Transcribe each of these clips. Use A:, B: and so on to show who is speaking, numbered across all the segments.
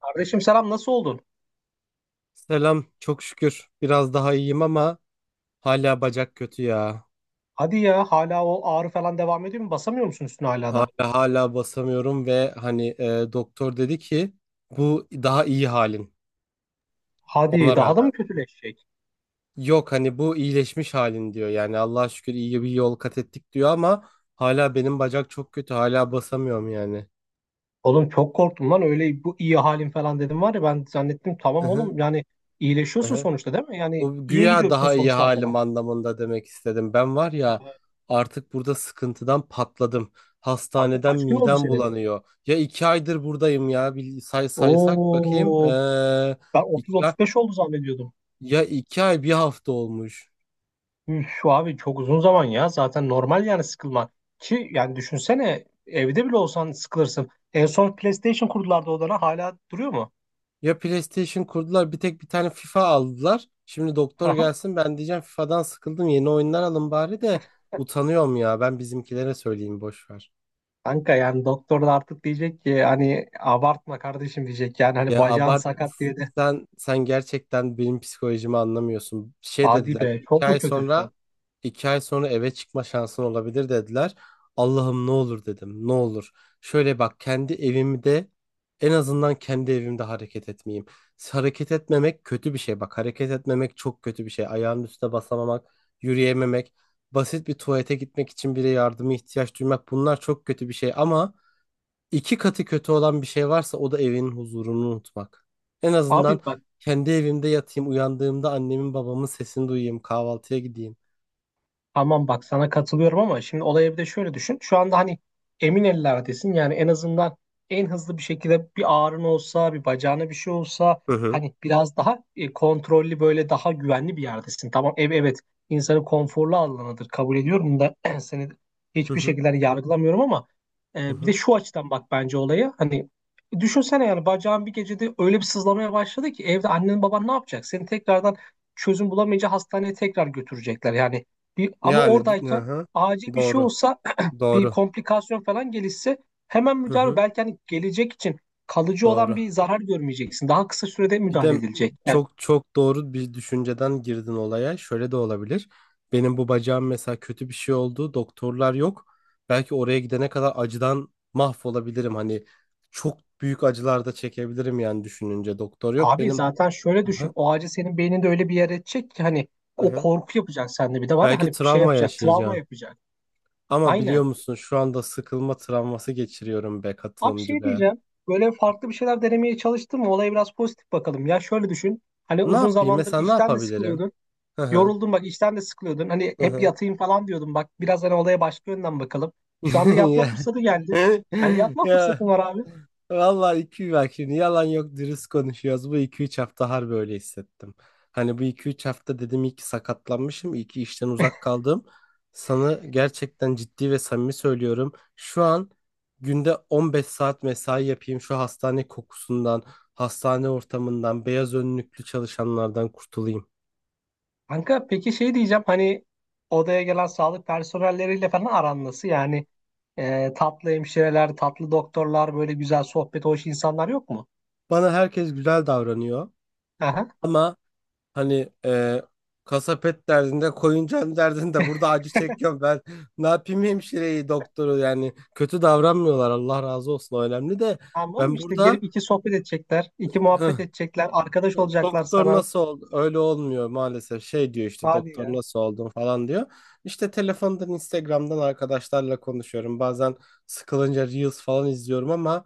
A: Kardeşim selam nasıl oldun?
B: Selam, çok şükür. Biraz daha iyiyim ama hala bacak kötü ya.
A: Hadi ya hala o ağrı falan devam ediyor mu? Basamıyor musun üstüne hala
B: Hala
A: da?
B: hala basamıyorum ve hani doktor dedi ki bu daha iyi halin ona
A: Hadi daha da
B: rağmen.
A: mı kötüleşecek?
B: Yok hani bu iyileşmiş halin diyor. Yani Allah'a şükür iyi bir yol kat ettik diyor ama hala benim bacak çok kötü. Hala basamıyorum yani.
A: Oğlum çok korktum lan öyle bu iyi halin falan dedim var ya ben zannettim tamam oğlum yani iyileşiyorsun sonuçta değil mi? Yani
B: Bu
A: iyiye
B: güya
A: gidiyor bütün
B: daha iyi
A: sonuçlar
B: halim
A: falan.
B: anlamında demek istedim. Ben var ya
A: Ha,
B: artık burada sıkıntıdan patladım.
A: kanka
B: Hastaneden
A: kaç gün oldu
B: midem
A: senin?
B: bulanıyor. Ya 2 aydır buradayım ya. Bir saysak bakayım.
A: Oo ben
B: 2 ay,
A: 30-35 oldu zannediyordum.
B: ya 2 ay 1 hafta olmuş.
A: Üf şu abi çok uzun zaman ya zaten normal yani sıkılman. Ki yani düşünsene evde bile olsan sıkılırsın. En son PlayStation kurdular da odana hala duruyor mu?
B: Ya PlayStation kurdular, bir tek bir tane FIFA aldılar. Şimdi doktor gelsin ben diyeceğim FIFA'dan sıkıldım, yeni oyunlar alın bari de utanıyorum ya. Ben bizimkilere söyleyeyim, boş ver.
A: Kanka yani doktor da artık diyecek ki hani abartma kardeşim diyecek yani hani
B: Ya
A: bacağın
B: abart
A: sakat diye de
B: sen sen gerçekten benim psikolojimi anlamıyorsun. Şey
A: hadi
B: dediler,
A: be
B: iki
A: çok mu
B: ay sonra
A: kötüsün?
B: eve çıkma şansın olabilir dediler. Allah'ım ne olur dedim, ne olur. Şöyle bak, kendi evimde, en azından kendi evimde hareket etmeyeyim. Hareket etmemek kötü bir şey, bak hareket etmemek çok kötü bir şey. Ayağının üstüne basamamak, yürüyememek, basit bir tuvalete gitmek için bile yardıma ihtiyaç duymak, bunlar çok kötü bir şey ama İki katı kötü olan bir şey varsa o da evinin huzurunu unutmak. En
A: Abi
B: azından
A: bak.
B: kendi evimde yatayım, uyandığımda annemin babamın sesini duyayım, kahvaltıya gideyim.
A: Tamam bak sana katılıyorum ama şimdi olaya bir de şöyle düşün. Şu anda hani emin ellerdesin. Yani en azından en hızlı bir şekilde bir ağrın olsa, bir bacağına bir şey olsa
B: Hı hı.
A: hani biraz daha kontrollü böyle daha güvenli bir yerdesin. Tamam ev evet insanın konforlu alanıdır kabul ediyorum da seni
B: Hı
A: hiçbir
B: hı.
A: şekilde hani yargılamıyorum ama
B: Hı
A: bir de
B: hı.
A: şu açıdan bak bence olaya. Hani düşünsene yani bacağın bir gecede öyle bir sızlamaya başladı ki evde annen baban ne yapacak? Seni tekrardan çözüm bulamayınca hastaneye tekrar götürecekler. Yani ama
B: Yani hı
A: oradayken
B: hı.
A: acil bir şey
B: Doğru.
A: olsa bir
B: Doğru.
A: komplikasyon falan gelişse hemen
B: Hı
A: müdahale
B: hı.
A: belki hani gelecek için kalıcı olan
B: Doğru.
A: bir zarar görmeyeceksin. Daha kısa sürede
B: Bir
A: müdahale
B: de
A: edilecek. Yani,
B: çok çok doğru bir düşünceden girdin olaya. Şöyle de olabilir. Benim bu bacağım mesela kötü bir şey oldu. Doktorlar yok. Belki oraya gidene kadar acıdan mahvolabilirim. Hani çok büyük acılar da çekebilirim yani düşününce. Doktor yok.
A: abi
B: Benim
A: zaten şöyle
B: aha,
A: düşün. O acı senin beyninde öyle bir yer edecek ki hani o
B: aha.
A: korku yapacak sende bir de var ya hani
B: Belki
A: bir şey
B: travma
A: yapacak, travma
B: yaşayacağım.
A: yapacak.
B: Ama biliyor
A: Aynen.
B: musun, şu anda sıkılma travması geçiriyorum be
A: Abi
B: katılımcı
A: şey
B: be.
A: diyeceğim. Böyle farklı bir şeyler denemeye çalıştın mı? Olaya biraz pozitif bakalım. Ya şöyle düşün. Hani
B: Ne
A: uzun
B: yapayım?
A: zamandır
B: Mesela ne
A: işten de
B: yapabilirim?
A: sıkılıyordun.
B: Hı hı.
A: Yoruldum bak işten de sıkılıyordun. Hani hep
B: Hı
A: yatayım falan diyordum. Bak biraz hani olaya başka yönden bakalım.
B: hı.
A: Şu anda yatma fırsatı geldi. Hani yatma
B: Ya
A: fırsatın var abi.
B: vallahi iki bak, şimdi yalan yok, dürüst konuşuyoruz. Bu 2-3 hafta harbi öyle hissettim. Hani bu 2-3 hafta dedim iyi ki sakatlanmışım, iyi ki işten uzak kaldım. Sana gerçekten ciddi ve samimi söylüyorum. Şu an günde 15 saat mesai yapayım, şu hastane kokusundan, hastane ortamından, beyaz önlüklü çalışanlardan kurtulayım.
A: Kanka peki şey diyeceğim hani odaya gelen sağlık personelleriyle falan aran nasıl? Yani tatlı hemşireler, tatlı doktorlar böyle güzel sohbet hoş insanlar yok mu?
B: Bana herkes güzel davranıyor
A: Aha.
B: ama hani kasap et derdinde, koyuncan derdinde, burada acı çekiyorum ben. Ne yapayım hemşireyi doktoru, yani kötü davranmıyorlar, Allah razı olsun, o önemli de
A: Tamam oğlum
B: ben
A: işte
B: burada
A: gelip iki sohbet edecekler, iki
B: hıh,
A: muhabbet edecekler, arkadaş olacaklar
B: doktor
A: sana.
B: nasıl oldu, öyle olmuyor maalesef, şey diyor işte,
A: Hadi
B: doktor
A: ya.
B: nasıl oldun falan diyor. İşte telefondan Instagram'dan arkadaşlarla konuşuyorum, bazen sıkılınca Reels falan izliyorum ama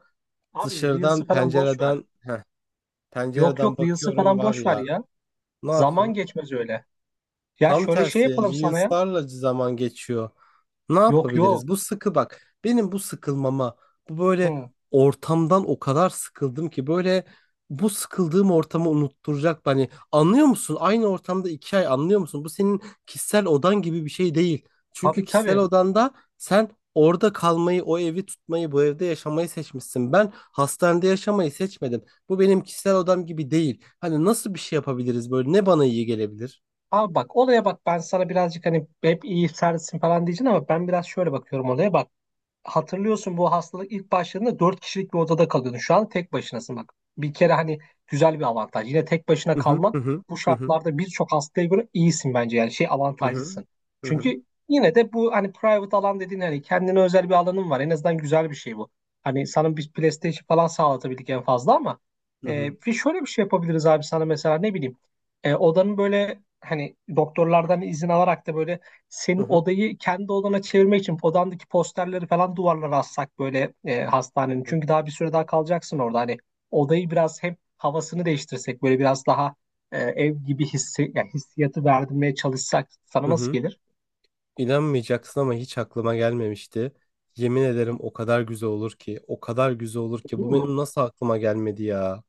A: Abi
B: dışarıdan
A: Reels'ı falan boş ver.
B: pencereden heh,
A: Yok
B: pencereden
A: yok Reels'ı
B: bakıyorum
A: falan
B: var
A: boş ver
B: ya,
A: ya.
B: ne
A: Zaman
B: yapayım?
A: geçmez öyle. Ya
B: Tam
A: şöyle şey
B: tersi,
A: yapalım sana ya.
B: Reels'larla zaman geçiyor. Ne
A: Yok yok.
B: yapabiliriz? Bu sıkı bak. Benim bu sıkılmama, bu böyle
A: Hı.
B: ortamdan o kadar sıkıldım ki böyle, bu sıkıldığım ortamı unutturacak. Hani anlıyor musun? Aynı ortamda iki ay, anlıyor musun? Bu senin kişisel odan gibi bir şey değil. Çünkü
A: Tabii
B: kişisel
A: tabii.
B: odanda sen orada kalmayı, o evi tutmayı, bu evde yaşamayı seçmişsin. Ben hastanede yaşamayı seçmedim. Bu benim kişisel odam gibi değil. Hani nasıl bir şey yapabiliriz böyle? Ne bana iyi gelebilir?
A: Abi bak olaya bak ben sana birazcık hani hep iyi sertsin falan diyeceksin ama ben biraz şöyle bakıyorum olaya bak. Hatırlıyorsun bu hastalık ilk başladığında 4 kişilik bir odada kalıyordun. Şu an tek başınasın bak. Bir kere hani güzel bir avantaj. Yine tek başına
B: Hı hı
A: kalman
B: hı
A: bu
B: hı hı
A: şartlarda birçok hastaya göre iyisin bence. Yani şey
B: hı hı
A: avantajlısın.
B: hı hı hı
A: Çünkü yine de bu hani private alan dediğin hani kendine özel bir alanın var. En azından güzel bir şey bu. Hani sana bir PlayStation falan sağlatabildik en fazla ama
B: hı hı
A: bir şöyle bir şey yapabiliriz abi sana mesela ne bileyim. Odanın böyle hani doktorlardan izin alarak da böyle senin
B: hı
A: odayı kendi odana çevirmek için odandaki posterleri falan duvarlara assak böyle hastanenin.
B: hı,
A: Çünkü daha bir süre daha kalacaksın orada. Hani odayı biraz hem havasını değiştirsek böyle biraz daha ev gibi hissi, yani hissiyatı verdirmeye çalışsak sana
B: hı
A: nasıl
B: hı.
A: gelir?
B: İnanmayacaksın ama hiç aklıma gelmemişti. Yemin ederim o kadar güzel olur ki, o kadar güzel olur ki.
A: Olur
B: Bu
A: mu?
B: benim nasıl aklıma gelmedi ya?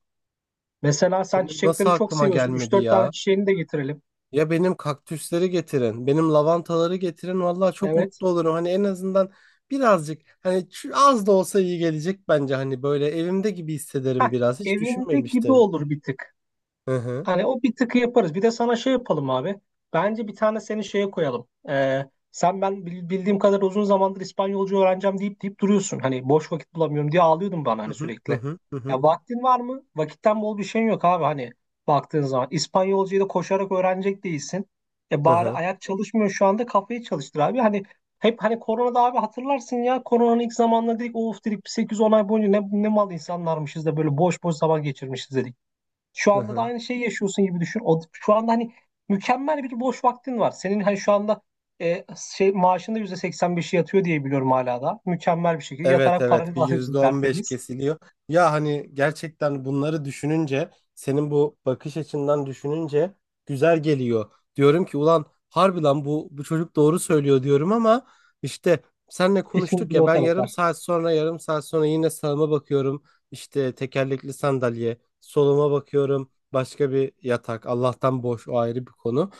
A: Mesela sen
B: Benim nasıl
A: çiçekleri çok
B: aklıma
A: seviyorsun. üç
B: gelmedi
A: dört tane
B: ya?
A: çiçeğini de getirelim.
B: Ya benim kaktüsleri getirin, benim lavantaları getirin. Vallahi çok
A: Evet.
B: mutlu olurum. Hani en azından birazcık, hani az da olsa iyi gelecek bence. Hani böyle evimde gibi hissederim
A: Hah,
B: biraz. Hiç
A: evinde gibi
B: düşünmemiştim.
A: olur bir tık.
B: Hı hı
A: Hani o bir tıkı yaparız. Bir de sana şey yapalım abi. Bence bir tane seni şeye koyalım. Sen ben bildiğim kadar uzun zamandır İspanyolca öğreneceğim deyip deyip duruyorsun. Hani boş vakit bulamıyorum diye ağlıyordun bana
B: hı
A: hani
B: hı
A: sürekli.
B: hı hı hı
A: Ya vaktin var mı? Vakitten bol bir şeyin yok abi hani baktığın zaman. İspanyolcayı da koşarak öğrenecek değilsin. E
B: hı
A: bari
B: hı.
A: ayak çalışmıyor şu anda kafayı çalıştır abi. Hani hep hani koronada abi hatırlarsın ya koronanın ilk zamanlarında dedik of dedik 8-10 ay boyunca ne mal insanlarmışız da böyle boş boş zaman geçirmişiz dedik. Şu
B: Hı
A: anda da
B: hı.
A: aynı şeyi yaşıyorsun gibi düşün. O, şu anda hani mükemmel bir boş vaktin var. Senin hani şu anda e, şey maaşında %85'i yatıyor diye biliyorum hala da. Mükemmel bir şekilde
B: Evet
A: yatarak
B: evet,
A: paranı da
B: bir
A: alıyorsun
B: %15
A: tertemiz.
B: kesiliyor. Ya hani gerçekten bunları düşününce, senin bu bakış açından düşününce güzel geliyor. Diyorum ki ulan harbi lan bu çocuk doğru söylüyor diyorum ama işte, senle
A: İşin
B: konuştuk
A: bir de
B: ya,
A: o
B: ben yarım
A: taraflar.
B: saat sonra yine sağıma bakıyorum, işte tekerlekli sandalye, soluma bakıyorum başka bir yatak, Allah'tan boş, o ayrı bir konu.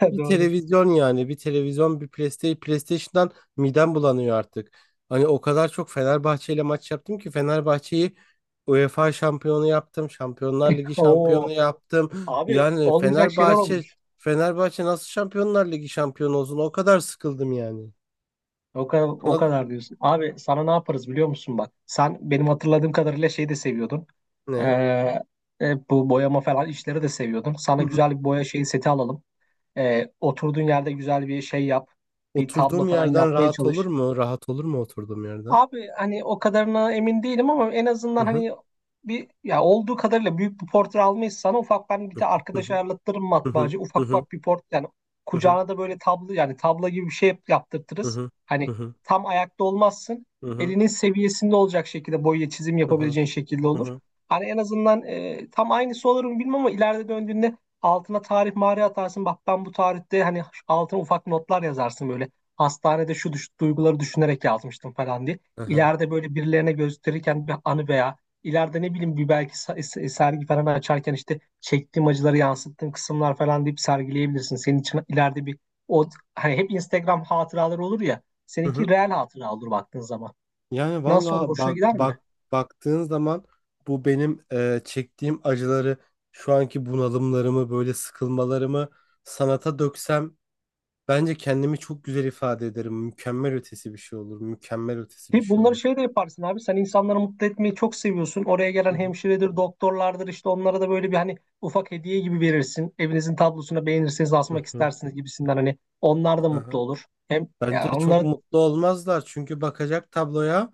B: Bir
A: Doğru.
B: televizyon, yani bir televizyon, bir PlayStation'dan midem bulanıyor artık. Hani o kadar çok Fenerbahçe ile maç yaptım ki Fenerbahçe'yi UEFA şampiyonu yaptım, Şampiyonlar Ligi şampiyonu
A: Oo.
B: yaptım.
A: Abi
B: Yani
A: olmayacak şeyler
B: Fenerbahçe
A: olmuş.
B: Fenerbahçe nasıl Şampiyonlar Ligi şampiyonu olsun? O kadar sıkıldım yani.
A: O kadar, o
B: Anladın
A: kadar
B: mı?
A: diyorsun. Abi sana ne yaparız biliyor musun bak. Sen benim hatırladığım kadarıyla şey de seviyordun. Ee,
B: Ne?
A: bu boyama falan işleri de seviyordun.
B: Hı
A: Sana
B: hı.
A: güzel bir boya şeyi seti alalım. Oturduğun yerde güzel bir şey yap. Bir tablo
B: Oturduğum
A: falan
B: yerden
A: yapmaya
B: rahat olur
A: çalış.
B: mu? Rahat olur mu oturduğum yerden?
A: Abi hani o kadarına emin değilim ama en
B: Hı
A: azından
B: hı.
A: hani bir ya olduğu kadarıyla büyük bir portre almayız sana ufak ben bir
B: Hı
A: de arkadaş
B: hı.
A: ayarlattırırım
B: Hı hı.
A: matbaacı
B: Hı
A: ufak
B: hı.
A: ufak bir port yani
B: Hı hı.
A: kucağına da böyle tablo yani tablo gibi bir şey
B: Hı
A: yaptırtırız.
B: hı. Hı
A: Hani
B: hı.
A: tam ayakta olmazsın
B: Hı hı.
A: elinin seviyesinde olacak şekilde boya çizim
B: Hı
A: yapabileceğin şekilde olur.
B: hı.
A: Hani en azından tam aynısı olur mu bilmem ama ileride döndüğünde altına tarih mağara atarsın bak ben bu tarihte hani altına ufak notlar yazarsın böyle hastanede şu duyguları düşünerek yazmıştım falan diye
B: Hı hı.
A: ileride böyle birilerine gösterirken bir anı veya ileride ne bileyim bir belki sergi falan açarken işte çektiğim acıları yansıttığım kısımlar falan deyip sergileyebilirsin. Senin için ileride bir o hani hep Instagram hatıraları olur ya.
B: Hı
A: Seninki
B: hı.
A: real hatıra olur baktığın zaman.
B: Yani
A: Nasıl olur?
B: valla
A: Hoşuna
B: bak
A: gider mi?
B: bak, baktığın zaman bu benim çektiğim acıları, şu anki bunalımlarımı, böyle sıkılmalarımı sanata döksem bence kendimi çok güzel ifade ederim. Mükemmel ötesi bir şey olur. Mükemmel ötesi bir
A: Ki
B: şey
A: bunları
B: olur.
A: şey de yaparsın abi. Sen insanları mutlu etmeyi çok seviyorsun. Oraya gelen
B: Hı hı.
A: hemşiredir, doktorlardır işte onlara da böyle bir hani ufak hediye gibi verirsin. Evinizin tablosuna beğenirseniz
B: Hı
A: asmak
B: hı.
A: istersiniz gibisinden hani onlar da
B: Hı
A: mutlu
B: hı.
A: olur. Hem
B: Bence
A: ya
B: çok
A: onlara.
B: mutlu olmazlar, çünkü bakacak tabloya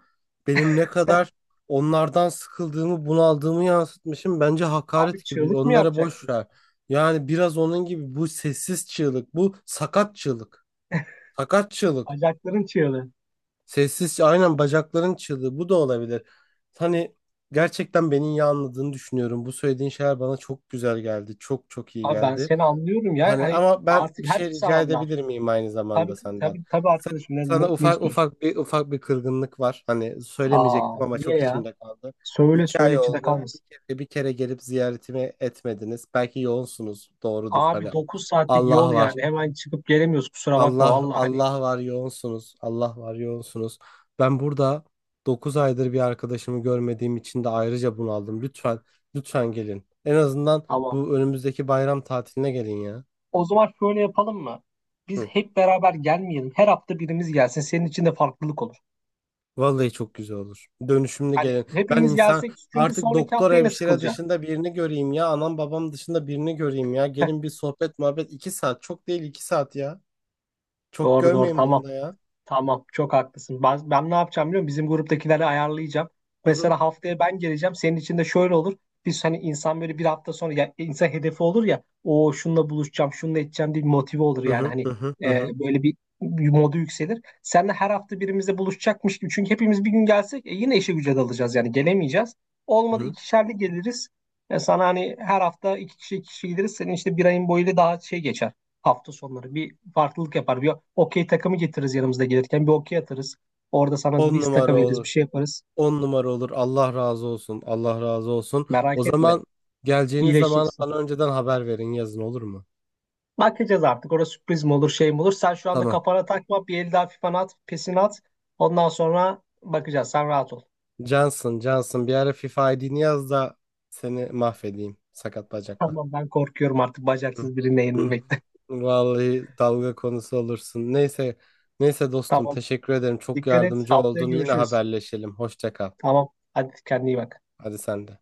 B: benim ne kadar onlardan sıkıldığımı, bunaldığımı yansıtmışım. Bence
A: Abi
B: hakaret gibi.
A: çığlık mı
B: Onlara boş
A: yapacaksın?
B: ver. Yani biraz onun gibi, bu sessiz çığlık, bu sakat çığlık. Sakat çığlık.
A: Bacakların çığlığı.
B: Sessiz, aynen, bacakların çığlığı bu da olabilir. Hani gerçekten beni iyi anladığını düşünüyorum. Bu söylediğin şeyler bana çok güzel geldi. Çok çok iyi
A: Abi ben
B: geldi.
A: seni anlıyorum ya.
B: Hani
A: Hani
B: ama ben
A: artık
B: bir
A: her
B: şey
A: insan
B: rica
A: anlar.
B: edebilir miyim aynı zamanda
A: Tabii
B: senden?
A: tabii tabii
B: Sen,
A: arkadaşım
B: sana
A: ne istiyorsun?
B: ufak bir kırgınlık var. Hani
A: Aa
B: söylemeyecektim ama
A: niye
B: çok
A: ya?
B: içimde kaldı.
A: Söyle
B: İki
A: söyle
B: ay
A: içinde
B: oldu. Bir
A: kalmasın.
B: kere, bir kere gelip ziyaretimi etmediniz. Belki yoğunsunuz. Doğrudur.
A: Abi
B: Hani
A: 9 saatlik yol
B: Allah var.
A: yani hemen çıkıp gelemiyoruz kusura bakma
B: Allah
A: valla hani
B: Allah var yoğunsunuz. Allah var yoğunsunuz. Ben burada 9 aydır bir arkadaşımı görmediğim için de ayrıca bunaldım. Lütfen lütfen gelin. En azından
A: tamam.
B: bu önümüzdeki bayram tatiline gelin ya.
A: O zaman şöyle yapalım mı? Biz
B: Hı.
A: hep beraber gelmeyelim. Her hafta birimiz gelsin. Senin için de farklılık olur.
B: Vallahi çok güzel olur. Dönüşümlü
A: Hani
B: gelin. Ben
A: hepimiz
B: insan
A: gelsek çünkü
B: artık
A: sonraki
B: doktor
A: hafta yine
B: hemşire
A: sıkılacak.
B: dışında birini göreyim ya. Anam babam dışında birini göreyim ya. Gelin bir sohbet muhabbet, 2 saat. Çok değil, 2 saat ya. Çok
A: Doğru doğru
B: görmeyin
A: tamam.
B: bunda ya.
A: Tamam, çok haklısın. Ben ne yapacağım biliyor musun? Bizim gruptakileri ayarlayacağım.
B: Hı hı.
A: Mesela haftaya ben geleceğim. Senin için de şöyle olur. Biz hani insan böyle bir hafta sonra ya, insan hedefi olur ya. O şununla buluşacağım, şununla edeceğim diye bir motive olur
B: Hı
A: yani.
B: hı
A: Hani
B: hı hı hı hı.
A: böyle bir, modu yükselir. Seninle her hafta birimizle buluşacakmış gibi. Çünkü hepimiz bir gün gelsek yine işe güce dalacağız yani gelemeyeceğiz. Olmadı
B: Hı.
A: ikişerli geliriz. Sana hani her hafta iki kişi gideriz. Senin işte bir ayın boyuyla daha şey geçer hafta sonları bir farklılık yapar. Bir okey takımı getiririz yanımızda gelirken bir okey atarız. Orada sana
B: On
A: bir
B: numara
A: istaka veririz bir
B: olur.
A: şey yaparız.
B: On numara olur. Allah razı olsun. Allah razı olsun. O
A: Merak etme
B: zaman, geleceğiniz zaman
A: iyileşeceksin.
B: bana önceden haber verin, yazın, olur mu?
A: Bakacağız artık orada sürpriz mi olur şey mi olur. Sen şu anda
B: Tamam.
A: kafana takma bir el daha fifan at pesini at. Ondan sonra bakacağız sen rahat ol.
B: Johnson bir ara FIFA ID'ni yaz da seni mahvedeyim. Sakat bacakla.
A: Tamam ben korkuyorum artık
B: Hı.
A: bacaksız birine yenilmekte.
B: Vallahi dalga konusu olursun. Neyse, neyse dostum
A: Tamam
B: teşekkür ederim. Çok
A: dikkat et
B: yardımcı
A: haftaya
B: oldun. Yine
A: görüşürüz.
B: haberleşelim. Hoşça kal.
A: Tamam hadi kendine iyi bak.
B: Hadi sen de.